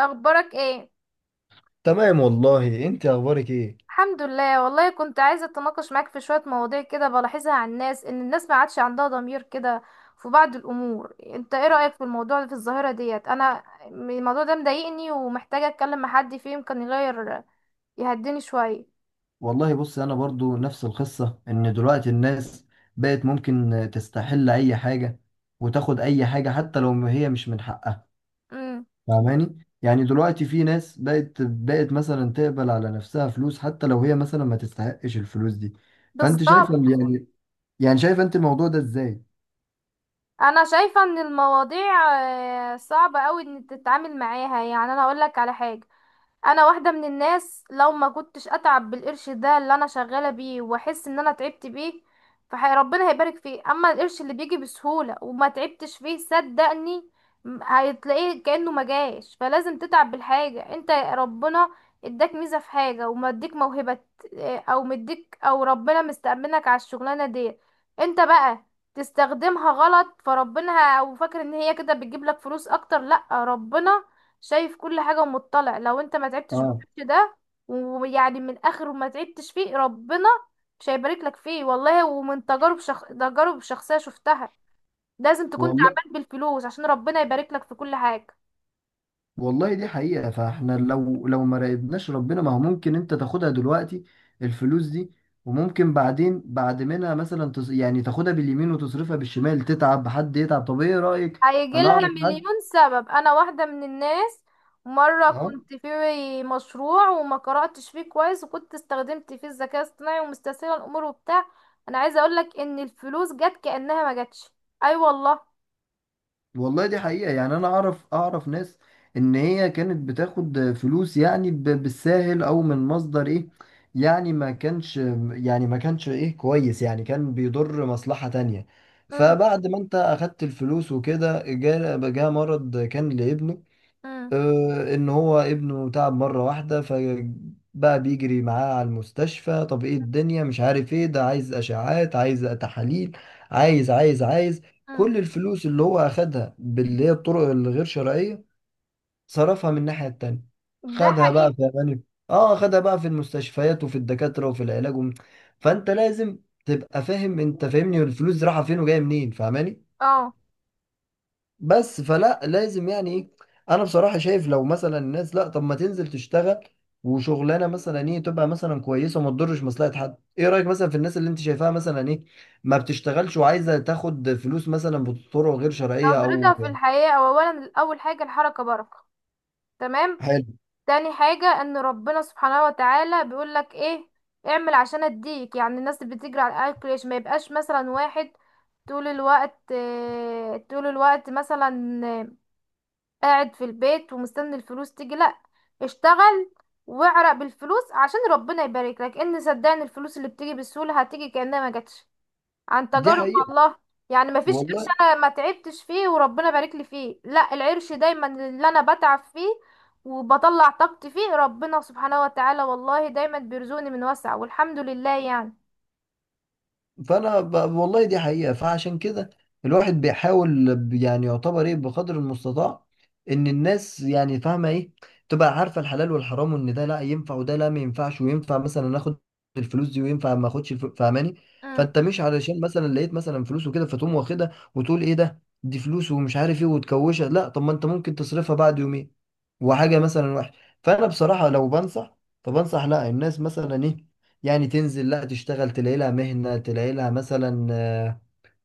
اخبارك ايه؟ تمام والله. انت اخبارك ايه؟ الحمد لله، والله كنت عايزه اتناقش معاك في شويه مواضيع كده بلاحظها عن الناس، ان الناس ما عادش عندها ضمير كده في بعض الامور. انت ايه رايك في الموضوع، في الظاهره ديت؟ انا الموضوع ده مضايقني ومحتاجه اتكلم مع حد فيه يمكن يغير يهديني شويه. والله بص، انا برضو نفس القصة، ان دلوقتي الناس بقت ممكن تستحل اي حاجة، وتاخد اي حاجة حتى لو ما هي مش من حقها. امم. فاهماني، يعني دلوقتي في ناس بقت مثلا تقبل على نفسها فلوس، حتى لو هي مثلا ما تستحقش الفلوس دي. فانت شايفة بالظبط. يعني شايفة انت الموضوع ده ازاي؟ انا شايفه ان المواضيع آه، صعبه قوي ان تتعامل معاها. يعني انا اقول لك على حاجه، انا واحده من الناس، لو ما كنتش اتعب بالقرش ده اللي انا شغاله بيه واحس ان انا تعبت بيه فربنا هيبارك فيه. اما القرش اللي بيجي بسهوله وما تعبتش فيه، صدقني هتلاقيه كانه ما جاش. فلازم تتعب بالحاجه. انت ربنا اداك ميزه في حاجه ومديك موهبه. اه، او مديك، او ربنا مستأمنك على الشغلانه دي. انت بقى تستخدمها غلط، فربنا او فاكر ان هي كده بتجيب لك فلوس اكتر؟ لا، ربنا شايف كل حاجة ومطلع. لو انت ما تعبتش اه، بالوقت ده، ويعني من اخر ما تعبتش فيه، ربنا مش هيبارك لك فيه، والله. ومن تجارب تجارب شخصية شفتها، لازم تكون والله. تعبان بالفلوس عشان ربنا يبارك لك في كل حاجة. والله دي حقيقة، فاحنا لو ما راقبناش ربنا، ما هو ممكن انت تاخدها دلوقتي الفلوس دي، وممكن بعدين بعد منها مثلا يعني تاخدها باليمين وتصرفها بالشمال، تتعب حد يتعب. طب ايه رأيك؟ هيجي انا لها اعرف حد. مليون سبب. انا واحدة من الناس، مرة اه، كنت في مشروع وما قرأتش فيه كويس، وكنت استخدمت فيه الذكاء الاصطناعي ومستسهلة الامور وبتاع، انا عايزة اقولك ان الفلوس جت كأنها ما جاتش. اي أيوة والله. والله دي حقيقة. يعني أنا أعرف ناس إن هي كانت بتاخد فلوس، يعني بالساهل، أو من مصدر إيه. يعني ما كانش يعني ما كانش إيه كويس، يعني كان بيضر مصلحة تانية. امم. فبعد ما أنت أخدت الفلوس وكده، جاء مرض كان لابنه. ان هو ابنه تعب مرة واحدة، فبقى بيجري معاه على المستشفى. طب ايه؟ الدنيا مش عارف ايه. ده عايز اشعاعات، عايز تحاليل، عايز، عايز، عايز. امم. كل الفلوس اللي هو اخدها باللي هي الطرق الغير شرعية، صرفها من الناحية التانية. ده خدها بقى حقيقي. في أمان- اه خدها بقى في المستشفيات، وفي الدكاترة، وفي العلاج، فانت لازم تبقى فاهم. انت فاهمني الفلوس دي رايحة فين وجاية منين؟ فاهماني. اه. بس فلا لازم، يعني ايه. انا بصراحة شايف، لو مثلا الناس، لا، طب ما تنزل تشتغل، وشغلانة مثلا ايه، تبقى مثلا كويسة، وما تضرش مصلحة حد. ايه رأيك مثلا في الناس اللي انت شايفاها مثلا ايه، ما بتشتغلش، وعايزة تاخد فلوس مثلا بطرق غير شرعية، نظرتها او... في الحياة، أو اولا اول حاجة الحركة بركة. تمام. حلو. تاني حاجة، ان ربنا سبحانه وتعالى بيقولك ايه، اعمل عشان اديك. يعني الناس اللي بتجري على الاكل، ليش ما يبقاش مثلا واحد طول الوقت آه، طول الوقت مثلا آه، قاعد في البيت ومستني الفلوس تيجي؟ لا، اشتغل واعرق بالفلوس عشان ربنا يبارك لك. ان صدقني، الفلوس اللي بتيجي بسهولة هتيجي كأنها ما جاتش، عن دي تجارب حقيقة الله. يعني مفيش قرش والله. انا ما تعبتش فيه وربنا بارك لي فيه، لا، العرش دايما اللي انا بتعب فيه وبطلع طاقتي فيه، ربنا سبحانه وتعالى والله دايما بيرزقني من وسع، والحمد لله يعني. فانا والله دي حقيقة. فعشان كده، الواحد بيحاول يعني يعتبر، ايه، بقدر المستطاع، ان الناس، يعني، فاهمة ايه، تبقى عارفة الحلال والحرام، وان ده لا ينفع، وده لا ما ينفعش، وينفع مثلا اخد الفلوس دي، وينفع ما اخدش الفلوس. فاهماني. امم. فانت مش علشان مثلا لقيت مثلا فلوس وكده فتقوم واخدها، وتقول ايه ده، دي فلوس ومش عارف ايه، وتكوشها. لا، طب ما انت ممكن تصرفها بعد يومين، وحاجة مثلا وحش. فانا بصراحة لو بنصح، فبنصح لا، الناس مثلا ايه، يعني تنزل، لا، تشتغل، تلاقي لها مهنة، تلاقي لها مثلا آه،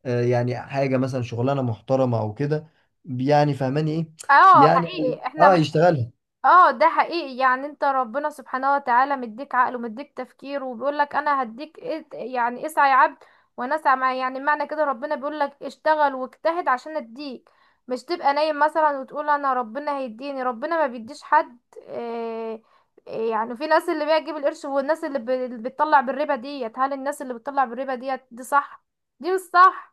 آه، يعني حاجة مثلا شغلانة محترمة أو كده، يعني فهماني إيه. اه يعني حقيقي احنا. يشتغلها. اه ده حقيقي، يعني انت ربنا سبحانه وتعالى مديك عقل ومديك تفكير، وبيقول لك انا هديك يعني اسعى يا عبد وانا اسعى معايا. يعني معنى كده ربنا بيقول لك اشتغل واجتهد عشان اديك، مش تبقى نايم مثلا وتقول انا ربنا هيديني. ربنا ما بيديش حد. اه. اه، يعني في ناس اللي بيجيب القرش، والناس اللي اللي بتطلع بالربا ديت، هل الناس اللي بتطلع بالربا ديت دي صح دي مش صح؟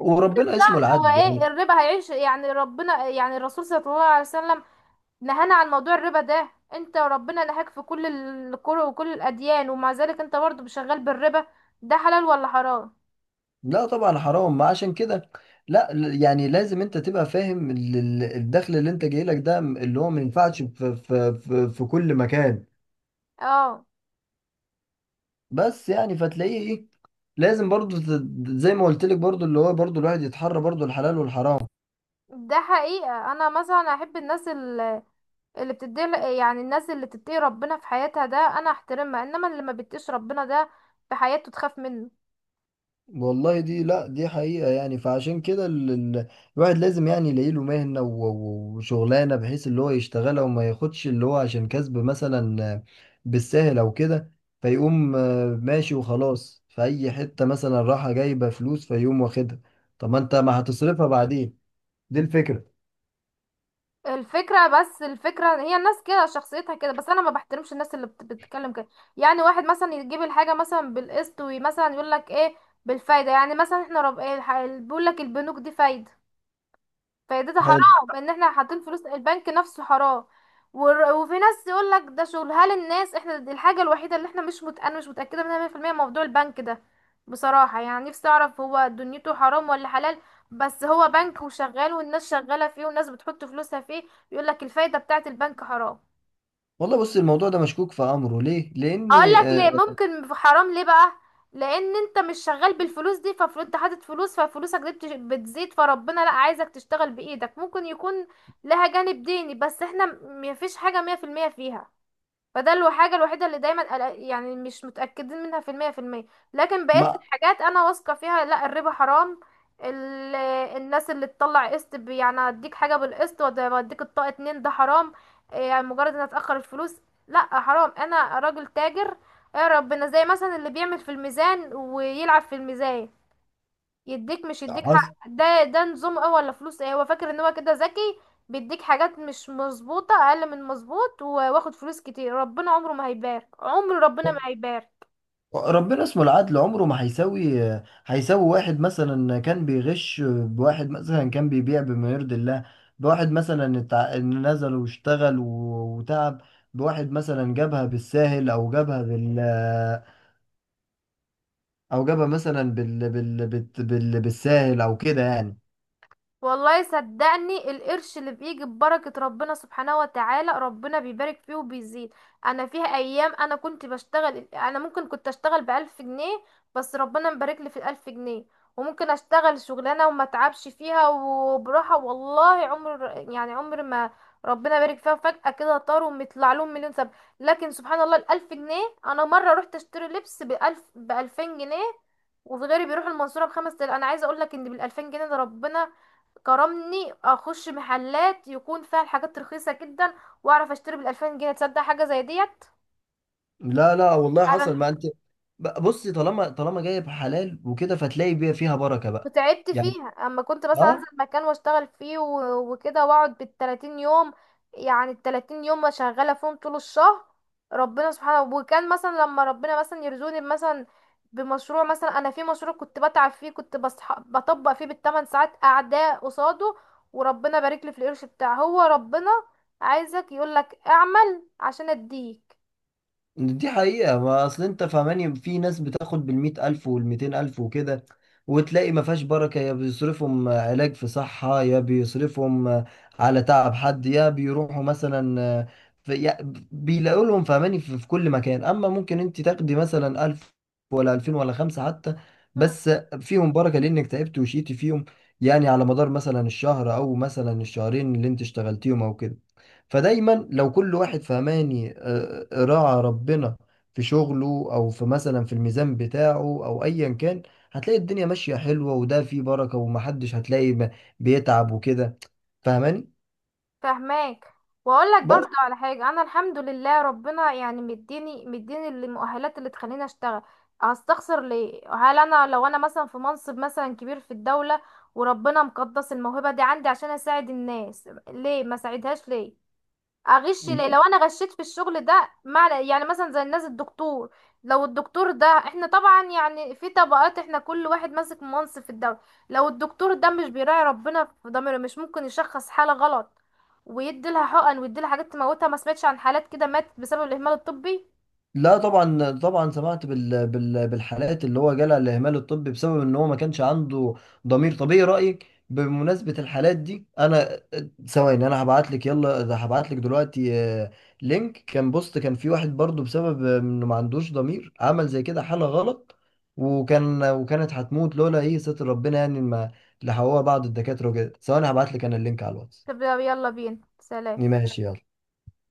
وربنا اسمه هو العدل، ايه يعني. الربا؟ هيعيش يعني ربنا، يعني الرسول صلى الله عليه وسلم نهانا عن موضوع الربا ده، انت وربنا نهاك في كل الكره وكل الاديان، ومع ذلك انت برضه شغال بالربا، ده حلال ولا حرام؟ لا، طبعا حرام، ما عشان كده. لا، يعني لازم انت تبقى فاهم الدخل اللي انت جاي لك ده، اللي هو ما ينفعش في كل مكان. اه. بس يعني فتلاقيه، ايه، لازم برضو زي ما قلت لك، برضو اللي هو برضو الواحد يتحرى برضو الحلال والحرام. ده حقيقة، انا مثلا احب الناس اللي بتدي، يعني الناس اللي تتقي ربنا في حياتها ده انا احترمها، انما اللي ما بتقيش ربنا ده في حياته تخاف منه. والله دي، لا، دي حقيقة. يعني فعشان كده الواحد لازم، يعني، يلاقي له مهنة، وشغلانة بحيث اللي هو يشتغلها، وما ياخدش اللي هو عشان كسب مثلا بالسهل أو كده. فيقوم ماشي، وخلاص، في أي حتة مثلا راحة جايبة فلوس، فيقوم واخدها. طب ما أنت ما هتصرفها بعدين؟ دي الفكرة. الفكرة، بس الفكرة هي الناس كده شخصيتها كده، بس انا ما بحترمش الناس اللي بتتكلم كده. يعني واحد مثلا يجيب الحاجة مثلا بالقسط ومثلا يقول لك ايه بالفايدة، يعني مثلا احنا رب ايه، بيقول لك البنوك دي فايدة، فايدتها حلو. حرام، ان احنا حاطين فلوس، البنك نفسه حرام. وفي ناس يقول لك ده شغل. هل الناس احنا دي الحاجه الوحيده اللي احنا مش مت... انا مش متاكده منها 100%، موضوع البنك ده بصراحه يعني نفسي اعرف، هو دنيته حرام ولا حلال؟ بس هو بنك وشغال، والناس شغاله فيه والناس بتحط فلوسها فيه، يقول لك الفايده بتاعه البنك حرام. والله بص، الموضوع ده مشكوك في أمره، ليه؟ لأن هقول لك ليه آه، ممكن في حرام ليه بقى. لان انت مش شغال بالفلوس دي، ففلوس انت حاطط فلوس، ففلوسك دي بتزيد، فربنا لا عايزك تشتغل بايدك. ممكن يكون لها جانب ديني، بس احنا مفيش حاجة مية في المية فيها. فده الحاجة الوحيدة اللي دايما يعني مش متأكدين منها في المية في المية. لكن بقية مع، الحاجات أنا واثقة فيها، لا الربا حرام. ال... الناس اللي تطلع قسط يعني اديك حاجة بالقسط واديك الطاقة اتنين، ده حرام. إيه، يعني مجرد ان اتأخر الفلوس، لا حرام. انا راجل تاجر يا ربنا، زي مثلا اللي بيعمل في الميزان ويلعب في الميزان، يديك مش يديك حق. حصل. ده ده نظام ايه ولا فلوس ايه؟ هو فاكر ان هو كده ذكي، بيديك حاجات مش مظبوطة، اقل من مظبوط واخد فلوس كتير. ربنا عمره ما هيبارك، عمر ربنا ما هيبارك. ربنا اسمه العدل، عمره ما هيساوي واحد مثلا كان بيغش بواحد مثلا كان بيبيع بما يرضي الله، بواحد مثلا نزل واشتغل وتعب، بواحد مثلا جابها بالساهل، او جابها بال، او جابها مثلا بالساهل او كده، يعني. والله صدقني، القرش اللي بيجي ببركة ربنا سبحانه وتعالى، ربنا بيبارك فيه وبيزيد. انا فيها ايام انا كنت بشتغل، انا ممكن كنت اشتغل ب1000 جنيه، بس ربنا مبارك لي في ال1000 جنيه. وممكن اشتغل شغلانة وما اتعبش فيها وبراحة، والله عمر، يعني عمر ما ربنا بارك فيها، فجأة كده طاروا ومطلع لهم مليون سبب. لكن سبحان الله، ال1000 جنيه، انا مرة رحت اشتري لبس بألف ب2000 جنيه، وفي غيري بيروح المنصورة ب5000، انا عايزة اقول لك ان بال2000 جنيه ده ربنا كرمني اخش محلات يكون فيها الحاجات رخيصه جدا، واعرف اشتري بال2000 جنيه. تصدق حاجه زي ديت؟ لا لا، والله حصل. انا ما انت، بصي، طالما جايب حلال وكده، فتلاقي بيها، فيها بركة بقى، وتعبت يعني. فيها، اما كنت مثلا اه، انزل مكان واشتغل فيه وكده واقعد بال30 يوم. يعني ال30 يوم شغالة فيهم طول الشهر، ربنا سبحانه. وكان مثلا لما ربنا مثلا يرزقني مثلا بمشروع، مثلا انا في مشروع كنت بتعب فيه، كنت بطبق فيه ب8 ساعات قاعدة قصاده، وربنا بارك لي في القرش بتاعه. هو ربنا عايزك يقولك اعمل عشان اديك. دي حقيقة. ما أصل أنت فاهماني، في ناس بتاخد بـ100,000 والـ200,000 وكده، وتلاقي ما فيهاش بركة. يا بيصرفهم علاج في صحة، يا بيصرفهم على تعب حد، يا بيروحوا مثلا في، يا بيلاقوا لهم. فاهماني في كل مكان. أما ممكن أنت تاخدي مثلا ألف، ولا ألفين، ولا خمسة حتى، بس فيهم بركة، لأنك تعبت وشيتي فيهم، يعني على مدار مثلا الشهر أو مثلا الشهرين اللي أنت اشتغلتيهم أو كده. فدايما لو كل واحد فهماني راعى ربنا في شغله، او في مثلا في الميزان بتاعه، او ايا كان، هتلاقي الدنيا ماشية حلوة، وده فيه بركة، ومحدش هتلاقي بيتعب وكده. فاهماني. فهماك. واقول لك بس برضو على حاجه، انا الحمد لله ربنا يعني مديني مديني المؤهلات اللي تخليني اشتغل. هستخسر ليه؟ هل انا لو انا مثلا في منصب مثلا كبير في الدوله، وربنا مقدس الموهبه دي عندي عشان اساعد الناس، ليه ما ساعدهاش، ليه اغش ليه؟ لو انا غشيت في الشغل ده، مع يعني مثلا زي الناس الدكتور، لو الدكتور ده، احنا طبعا يعني في طبقات، احنا كل واحد ماسك منصب في الدولة، لو الدكتور ده مش بيراعي ربنا في ضميره، مش ممكن يشخص حالة غلط ويدي لها حقن ويدي لها حاجات تموتها؟ ما سمعتش عن حالات كده ماتت بسبب الاهمال الطبي؟ لا، طبعا سمعت بالحالات اللي هو جالها الاهمال الطبي، بسبب ان هو ما كانش عنده ضمير. طبيعي رايك بمناسبه الحالات دي، انا. ثواني، انا هبعت لك، يلا ده هبعت لك دلوقتي. لينك كان بوست، كان في واحد برضو، بسبب انه ما عندوش ضمير، عمل زي كده حاله غلط، وكانت هتموت لولا ايه ستر ربنا، يعني ما لحقوها بعض الدكاتره وكده. ثواني هبعت لك انا اللينك على الواتس. طب يلا بينا، سلام. ماشي، يلا.